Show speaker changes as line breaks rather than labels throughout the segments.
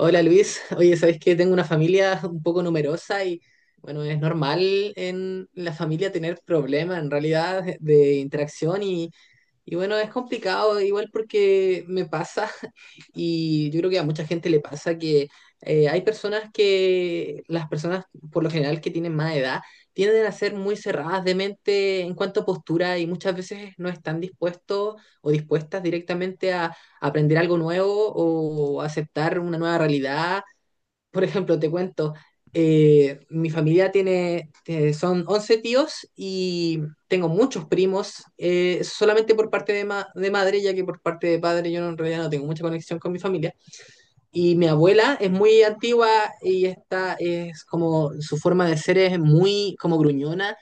Hola Luis, oye, sabes que tengo una familia un poco numerosa y bueno, es normal en la familia tener problemas en realidad de interacción y bueno, es complicado igual porque me pasa y yo creo que a mucha gente le pasa que hay las personas por lo general que tienen más edad, tienden a ser muy cerradas de mente en cuanto a postura y muchas veces no están dispuestos o dispuestas directamente a aprender algo nuevo o aceptar una nueva realidad. Por ejemplo, te cuento, mi familia tiene, son 11 tíos y tengo muchos primos, solamente por parte de, de madre, ya que por parte de padre yo no- en realidad no tengo mucha conexión con mi familia. Y mi abuela es muy antigua y es como, su forma de ser es muy como gruñona,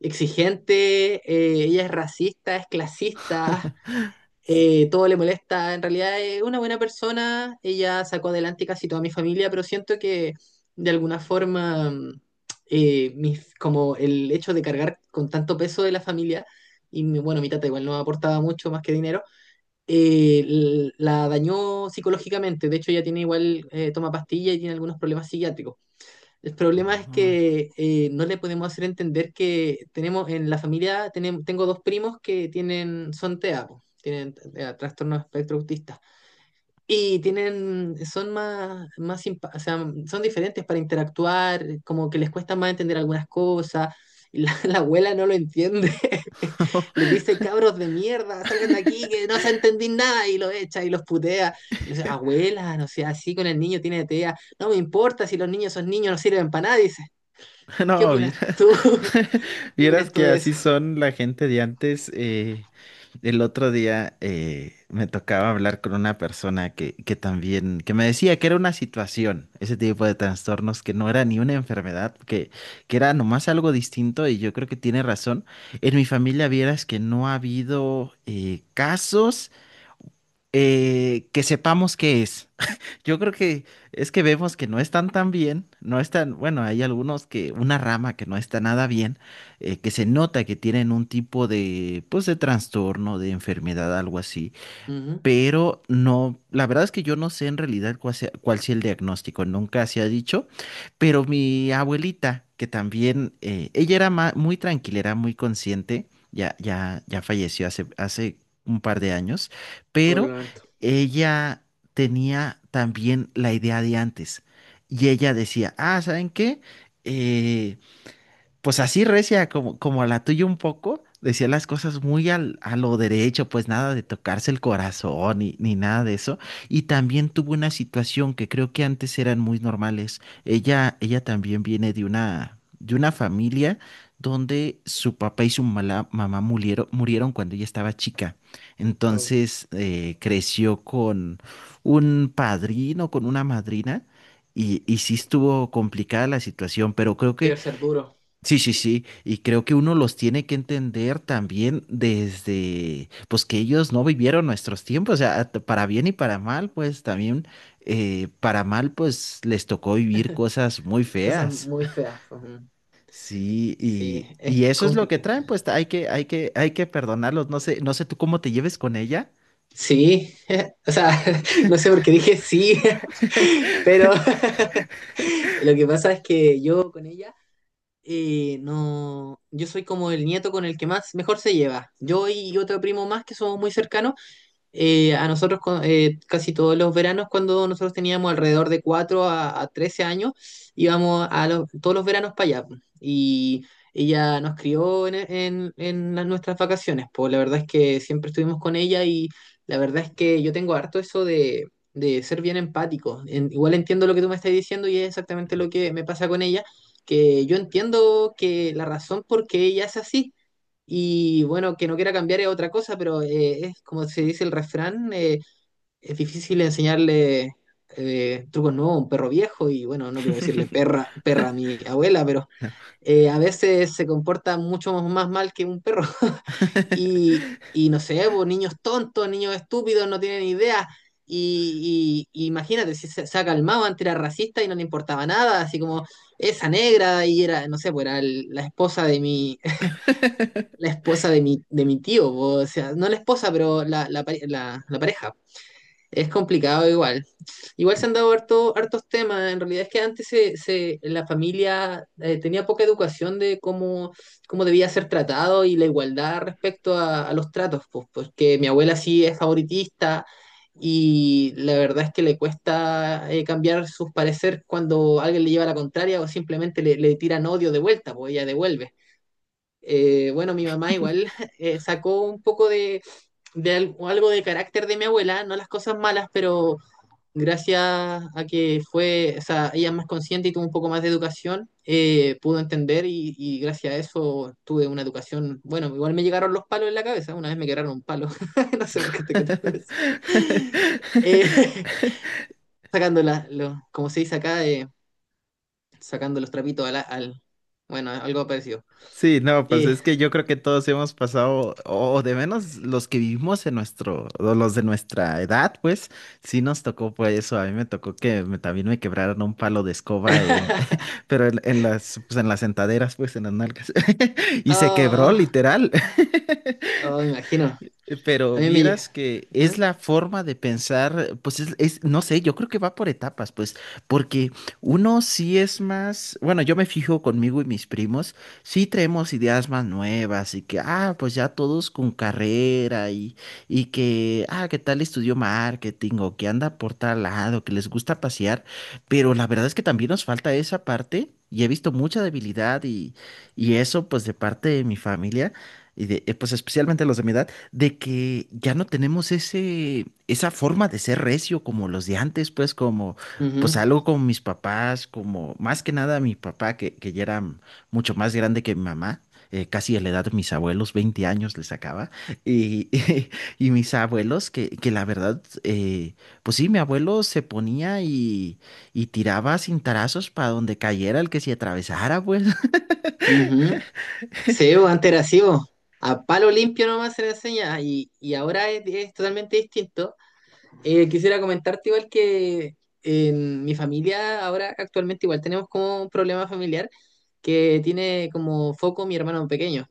exigente, ella es racista, es clasista, todo le molesta. En realidad es una buena persona, ella sacó adelante casi toda mi familia, pero siento que de alguna forma, como el hecho de cargar con tanto peso de la familia, y bueno, mi tata igual no aportaba mucho más que dinero, la dañó psicológicamente. De hecho, ella tiene igual, toma pastilla y tiene algunos problemas psiquiátricos. El problema es
No,
que no le podemos hacer entender que tenemos en la familia, tengo dos primos que tienen, son TEA, po, tienen trastorno de espectro autista. Y tienen, son o sea, son diferentes para interactuar, como que les cuesta más entender algunas cosas. Y la abuela no lo entiende. Les dice, cabros de mierda, salgan de aquí, que no se entendí nada, y lo echa y los putea. Y no sé, abuela, no sea así con el niño tiene TEA. No me importa si los niños son niños, no sirven para nada, dice. ¿Qué
No,
opinas tú? ¿Qué
vieras
opinas tú
que
de
así
eso?
son la gente de antes. El otro día me tocaba hablar con una persona que también, que me decía que era una situación, ese tipo de trastornos, que no era ni una enfermedad, que era nomás algo distinto y yo creo que tiene razón. En mi familia vieras que no ha habido casos que sepamos qué es. Yo creo que es que vemos que no están tan bien, no están, bueno, hay algunos que, una rama que no está nada bien, que se nota que tienen un tipo de, pues, de trastorno, de enfermedad, algo así.
Ujú.
Pero no, la verdad es que yo no sé en realidad cuál sea el diagnóstico, nunca se ha dicho, pero mi abuelita, que también, ella era muy tranquila, era muy consciente, ya, ya, ya falleció hace un par de años,
Oh, lo
pero
lamento.
ella tenía también la idea de antes y ella decía, ah, ¿saben qué? Eh, pues así recia, como la tuya un poco, decía las cosas muy a lo derecho, pues nada de tocarse el corazón ni nada de eso. Y también tuvo una situación que creo que antes eran muy normales. Ella también viene de una familia donde su papá y su mamá murieron cuando ella estaba chica.
Oh.
Entonces creció con un padrino, con una madrina. Y sí estuvo complicada la situación, pero creo que...
Debe ser duro.
Sí, sí, sí, y creo que uno los tiene que entender también desde, pues que ellos no vivieron nuestros tiempos, o sea, para bien y para mal, pues también, para mal, pues les tocó vivir cosas muy
Cosas
feas.
muy feas, ujú.
Sí,
Sí, es
y eso es lo que traen,
complicado.
pues hay que perdonarlos, no sé tú cómo te lleves con ella.
Sí, o sea, no sé por qué dije sí, pero lo que pasa es que yo con ella, no, yo soy como el nieto con el que más mejor se lleva. Yo y otro primo más que somos muy cercanos, a casi todos los veranos, cuando nosotros teníamos alrededor de 4 a 13 años, íbamos a todos los veranos para allá. Y ella nos crió en nuestras vacaciones. Pues la verdad es que siempre estuvimos con ella y la verdad es que yo tengo harto eso de ser bien empático. Igual entiendo lo que tú me estás diciendo y es exactamente lo que me pasa con ella, que yo entiendo que la razón por qué ella es así y bueno, que no quiera cambiar es otra cosa, pero es como se dice el refrán, es difícil enseñarle trucos nuevos a un perro viejo y bueno, no quiero decirle perra a mi abuela, pero
No.
a veces se comporta mucho más mal que un perro. Y, y no sé, pues, niños tontos, niños estúpidos, no tienen idea. Y, imagínate, si se ha calmado, antes era racista y no le importaba nada, así como esa negra y era, no sé, pues era la esposa de mi, la esposa de mi tío, po, o sea, no la esposa, pero la pareja. Es complicado igual. Igual se han dado harto, hartos temas. En realidad es que antes la familia tenía poca educación de cómo, cómo debía ser tratado y la igualdad respecto a los tratos, pues, porque mi abuela sí es favoritista y la verdad es que le cuesta cambiar sus parecer cuando alguien le lleva la contraria o simplemente le, le tiran odio de vuelta, pues ella devuelve. Bueno, mi mamá igual sacó un poco de algo de carácter de mi abuela, no las cosas malas, pero gracias a que fue, o sea, ella es más consciente y tuvo un poco más de educación, pudo entender y gracias a eso tuve una educación, bueno, igual me llegaron los palos en la cabeza, una vez me quebraron un palo, no sé por qué te cuento eso. Eh, sacando como se dice acá, sacando los trapitos bueno, algo parecido.
Sí, no, pues
Eh,
es que yo creo que todos hemos pasado, o de menos los que vivimos en nuestro, o los de nuestra edad, pues sí nos tocó pues eso. A mí me tocó que también me quebraron un palo de escoba en, pero en las, pues en las sentaderas, pues en las nalgas. Y se quebró
ah,
literal.
oh, imagino.
Pero
A mí me llega.
vieras que es
¿Eh?
la forma de pensar, pues no sé, yo creo que va por etapas, pues, porque uno sí es más, bueno, yo me fijo conmigo y mis primos, sí traemos ideas más nuevas y que, ah, pues ya todos con carrera y que, ah, que tal estudió marketing o que anda por tal lado, que les gusta pasear, pero la verdad es que también nos falta esa parte y he visto mucha debilidad y eso, pues, de parte de mi familia. Y de, pues especialmente los de mi edad, de que ya no tenemos esa forma de ser recio como los de antes, pues como,
Ujú,
pues algo con mis papás, como más que nada mi papá, que ya era mucho más grande que mi mamá, casi de la edad de mis abuelos, 20 años le sacaba, y, y, mis abuelos, que la verdad, pues sí, mi abuelo se ponía y tiraba cintarazos para donde cayera el que se atravesara, pues.
ujú. Sí, bo, antes era así, bo. A palo limpio nomás se le enseña. Ah, y ahora es totalmente distinto. Quisiera comentarte igual que en mi familia ahora actualmente igual tenemos como un problema familiar que tiene como foco mi hermano pequeño.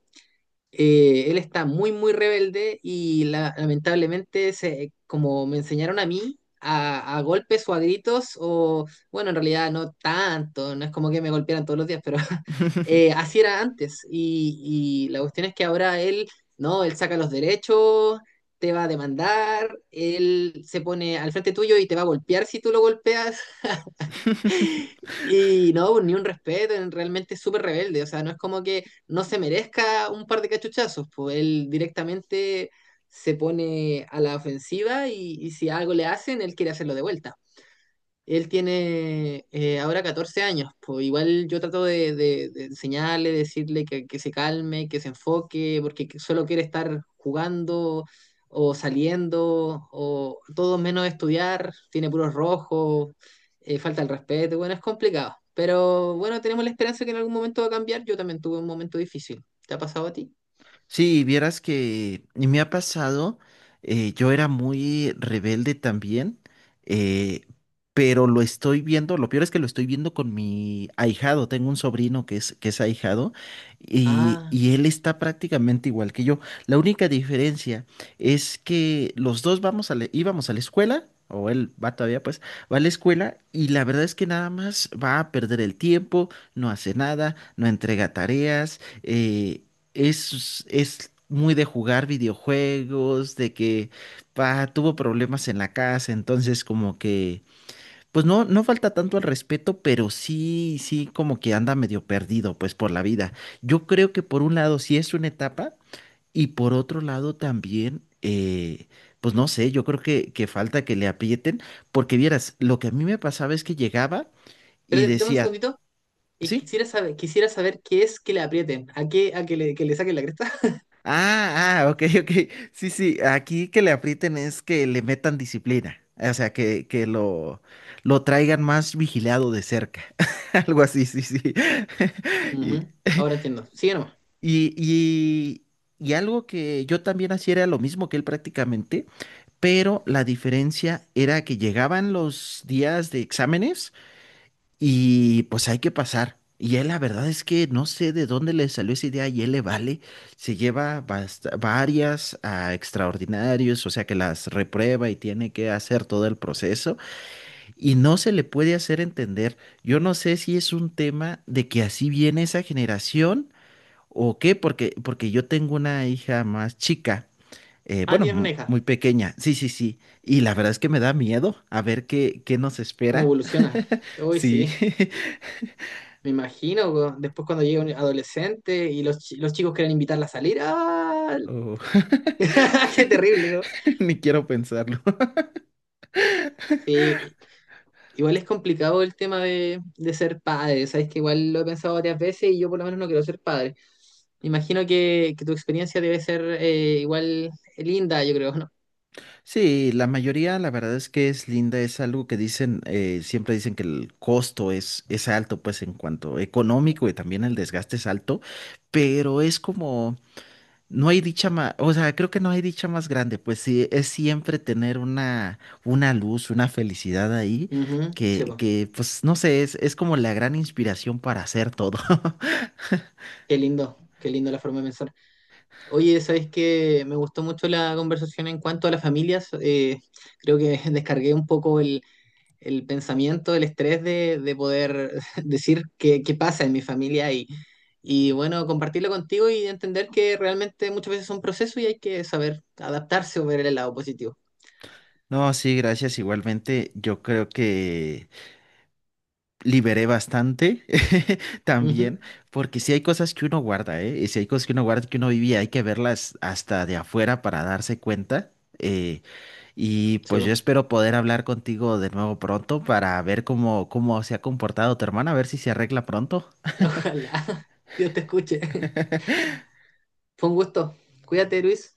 Él está muy, muy rebelde y lamentablemente, se, como me enseñaron a mí, a golpes o a gritos, o bueno, en realidad no tanto, no es como que me golpearan todos los días, pero así era antes. Y la cuestión es que ahora él, no, él saca los derechos, te va a demandar, él se pone al frente tuyo y te va a golpear si tú lo golpeas. Y no, pues, ni un respeto, realmente es súper rebelde, o sea, no es como que no se merezca un par de cachuchazos, pues él directamente se pone a la ofensiva y si algo le hacen, él quiere hacerlo de vuelta. Él tiene ahora 14 años, pues igual yo trato de, de enseñarle, decirle que se calme, que se enfoque, porque que solo quiere estar jugando o saliendo o todo menos estudiar, tiene puros rojos, falta el respeto, bueno, es complicado, pero bueno, tenemos la esperanza que en algún momento va a cambiar, yo también tuve un momento difícil, ¿te ha pasado a ti?
Sí, vieras que me ha pasado, yo era muy rebelde también, eh, pero lo estoy viendo, lo peor es que lo estoy viendo con mi ahijado, tengo un sobrino que es ahijado y,
Ah,
y él está prácticamente igual que yo. La única diferencia es que los dos vamos a íbamos a la escuela. O él va todavía, pues, va a la escuela y la verdad es que nada más va a perder el tiempo, no hace nada, no entrega tareas, es muy de jugar videojuegos, de que pa, tuvo problemas en la casa, entonces como que, pues no, no falta tanto al respeto, pero sí, sí, como que anda medio perdido, pues por la vida. Yo creo que por un lado sí es una etapa y por otro lado también, pues no sé, yo creo que falta que le aprieten, porque vieras, lo que a mí me pasaba es que llegaba
pero
y
dame un
decía,
segundito, y
sí.
quisiera saber qué es que le aprieten, a qué, a que le saquen la cresta.
Ah, ah, ok, ok. Sí, sí, aquí que le aprieten es que le metan disciplina. O sea, que lo traigan más vigilado de cerca. Algo así, sí, sí. Y,
Ujú, ahora entiendo. Sigue nomás.
y, y, y algo que yo también hacía era lo mismo que él prácticamente, pero la diferencia era que llegaban los días de exámenes y pues hay que pasar. Y él, la verdad es que no sé de dónde le salió esa idea y él le vale. Se lleva varias a extraordinarios, o sea que las reprueba y tiene que hacer todo el proceso y no se le puede hacer entender. Yo no sé si es un tema de que así viene esa generación o qué, porque yo tengo una hija más chica,
Ah,
bueno,
tienes una hija.
muy pequeña, sí, sí, sí. Y la verdad es que me da miedo a ver qué nos
¿Cómo
espera.
evoluciona? Uy,
Sí.
sí. Me imagino, weón. Después cuando llegue un adolescente y los, los chicos quieren invitarla a salir. ¡Ah!
Oh.
¡Qué terrible! ¿No?
Ni quiero pensarlo.
Sí. Igual es complicado el tema de ser padre. Sabes que igual lo he pensado varias veces y yo por lo menos no quiero ser padre. Me imagino que tu experiencia debe ser igual linda, yo creo, ¿no?
Sí, la mayoría, la verdad es que es linda, es algo que dicen, siempre dicen que el costo es alto, pues en cuanto económico y también el desgaste es alto, pero es como, no hay dicha más, o sea, creo que no hay dicha más grande, pues sí, es siempre tener una luz, una felicidad ahí,
Ujú, sí,
que,
po.
que pues no sé, es como la gran inspiración para hacer todo.
Qué lindo. Qué lindo la forma de pensar. Oye, sabes que me gustó mucho la conversación en cuanto a las familias. Creo que descargué un poco el pensamiento, el estrés de poder decir qué, qué pasa en mi familia y bueno, compartirlo contigo y entender que realmente muchas veces es un proceso y hay que saber adaptarse o ver el lado positivo.
No, sí, gracias igualmente. Yo creo que... liberé bastante también,
Ujú,
porque si hay cosas que uno guarda, ¿eh? Y si hay cosas que uno guarda, que uno vivía, hay que verlas hasta de afuera para darse cuenta. eh, y
sí,
pues yo
po.
espero poder hablar contigo de nuevo pronto para ver cómo se ha comportado tu hermana, a ver si se arregla pronto.
Ojalá Dios te escuche. Fue un gusto. Cuídate, Luis.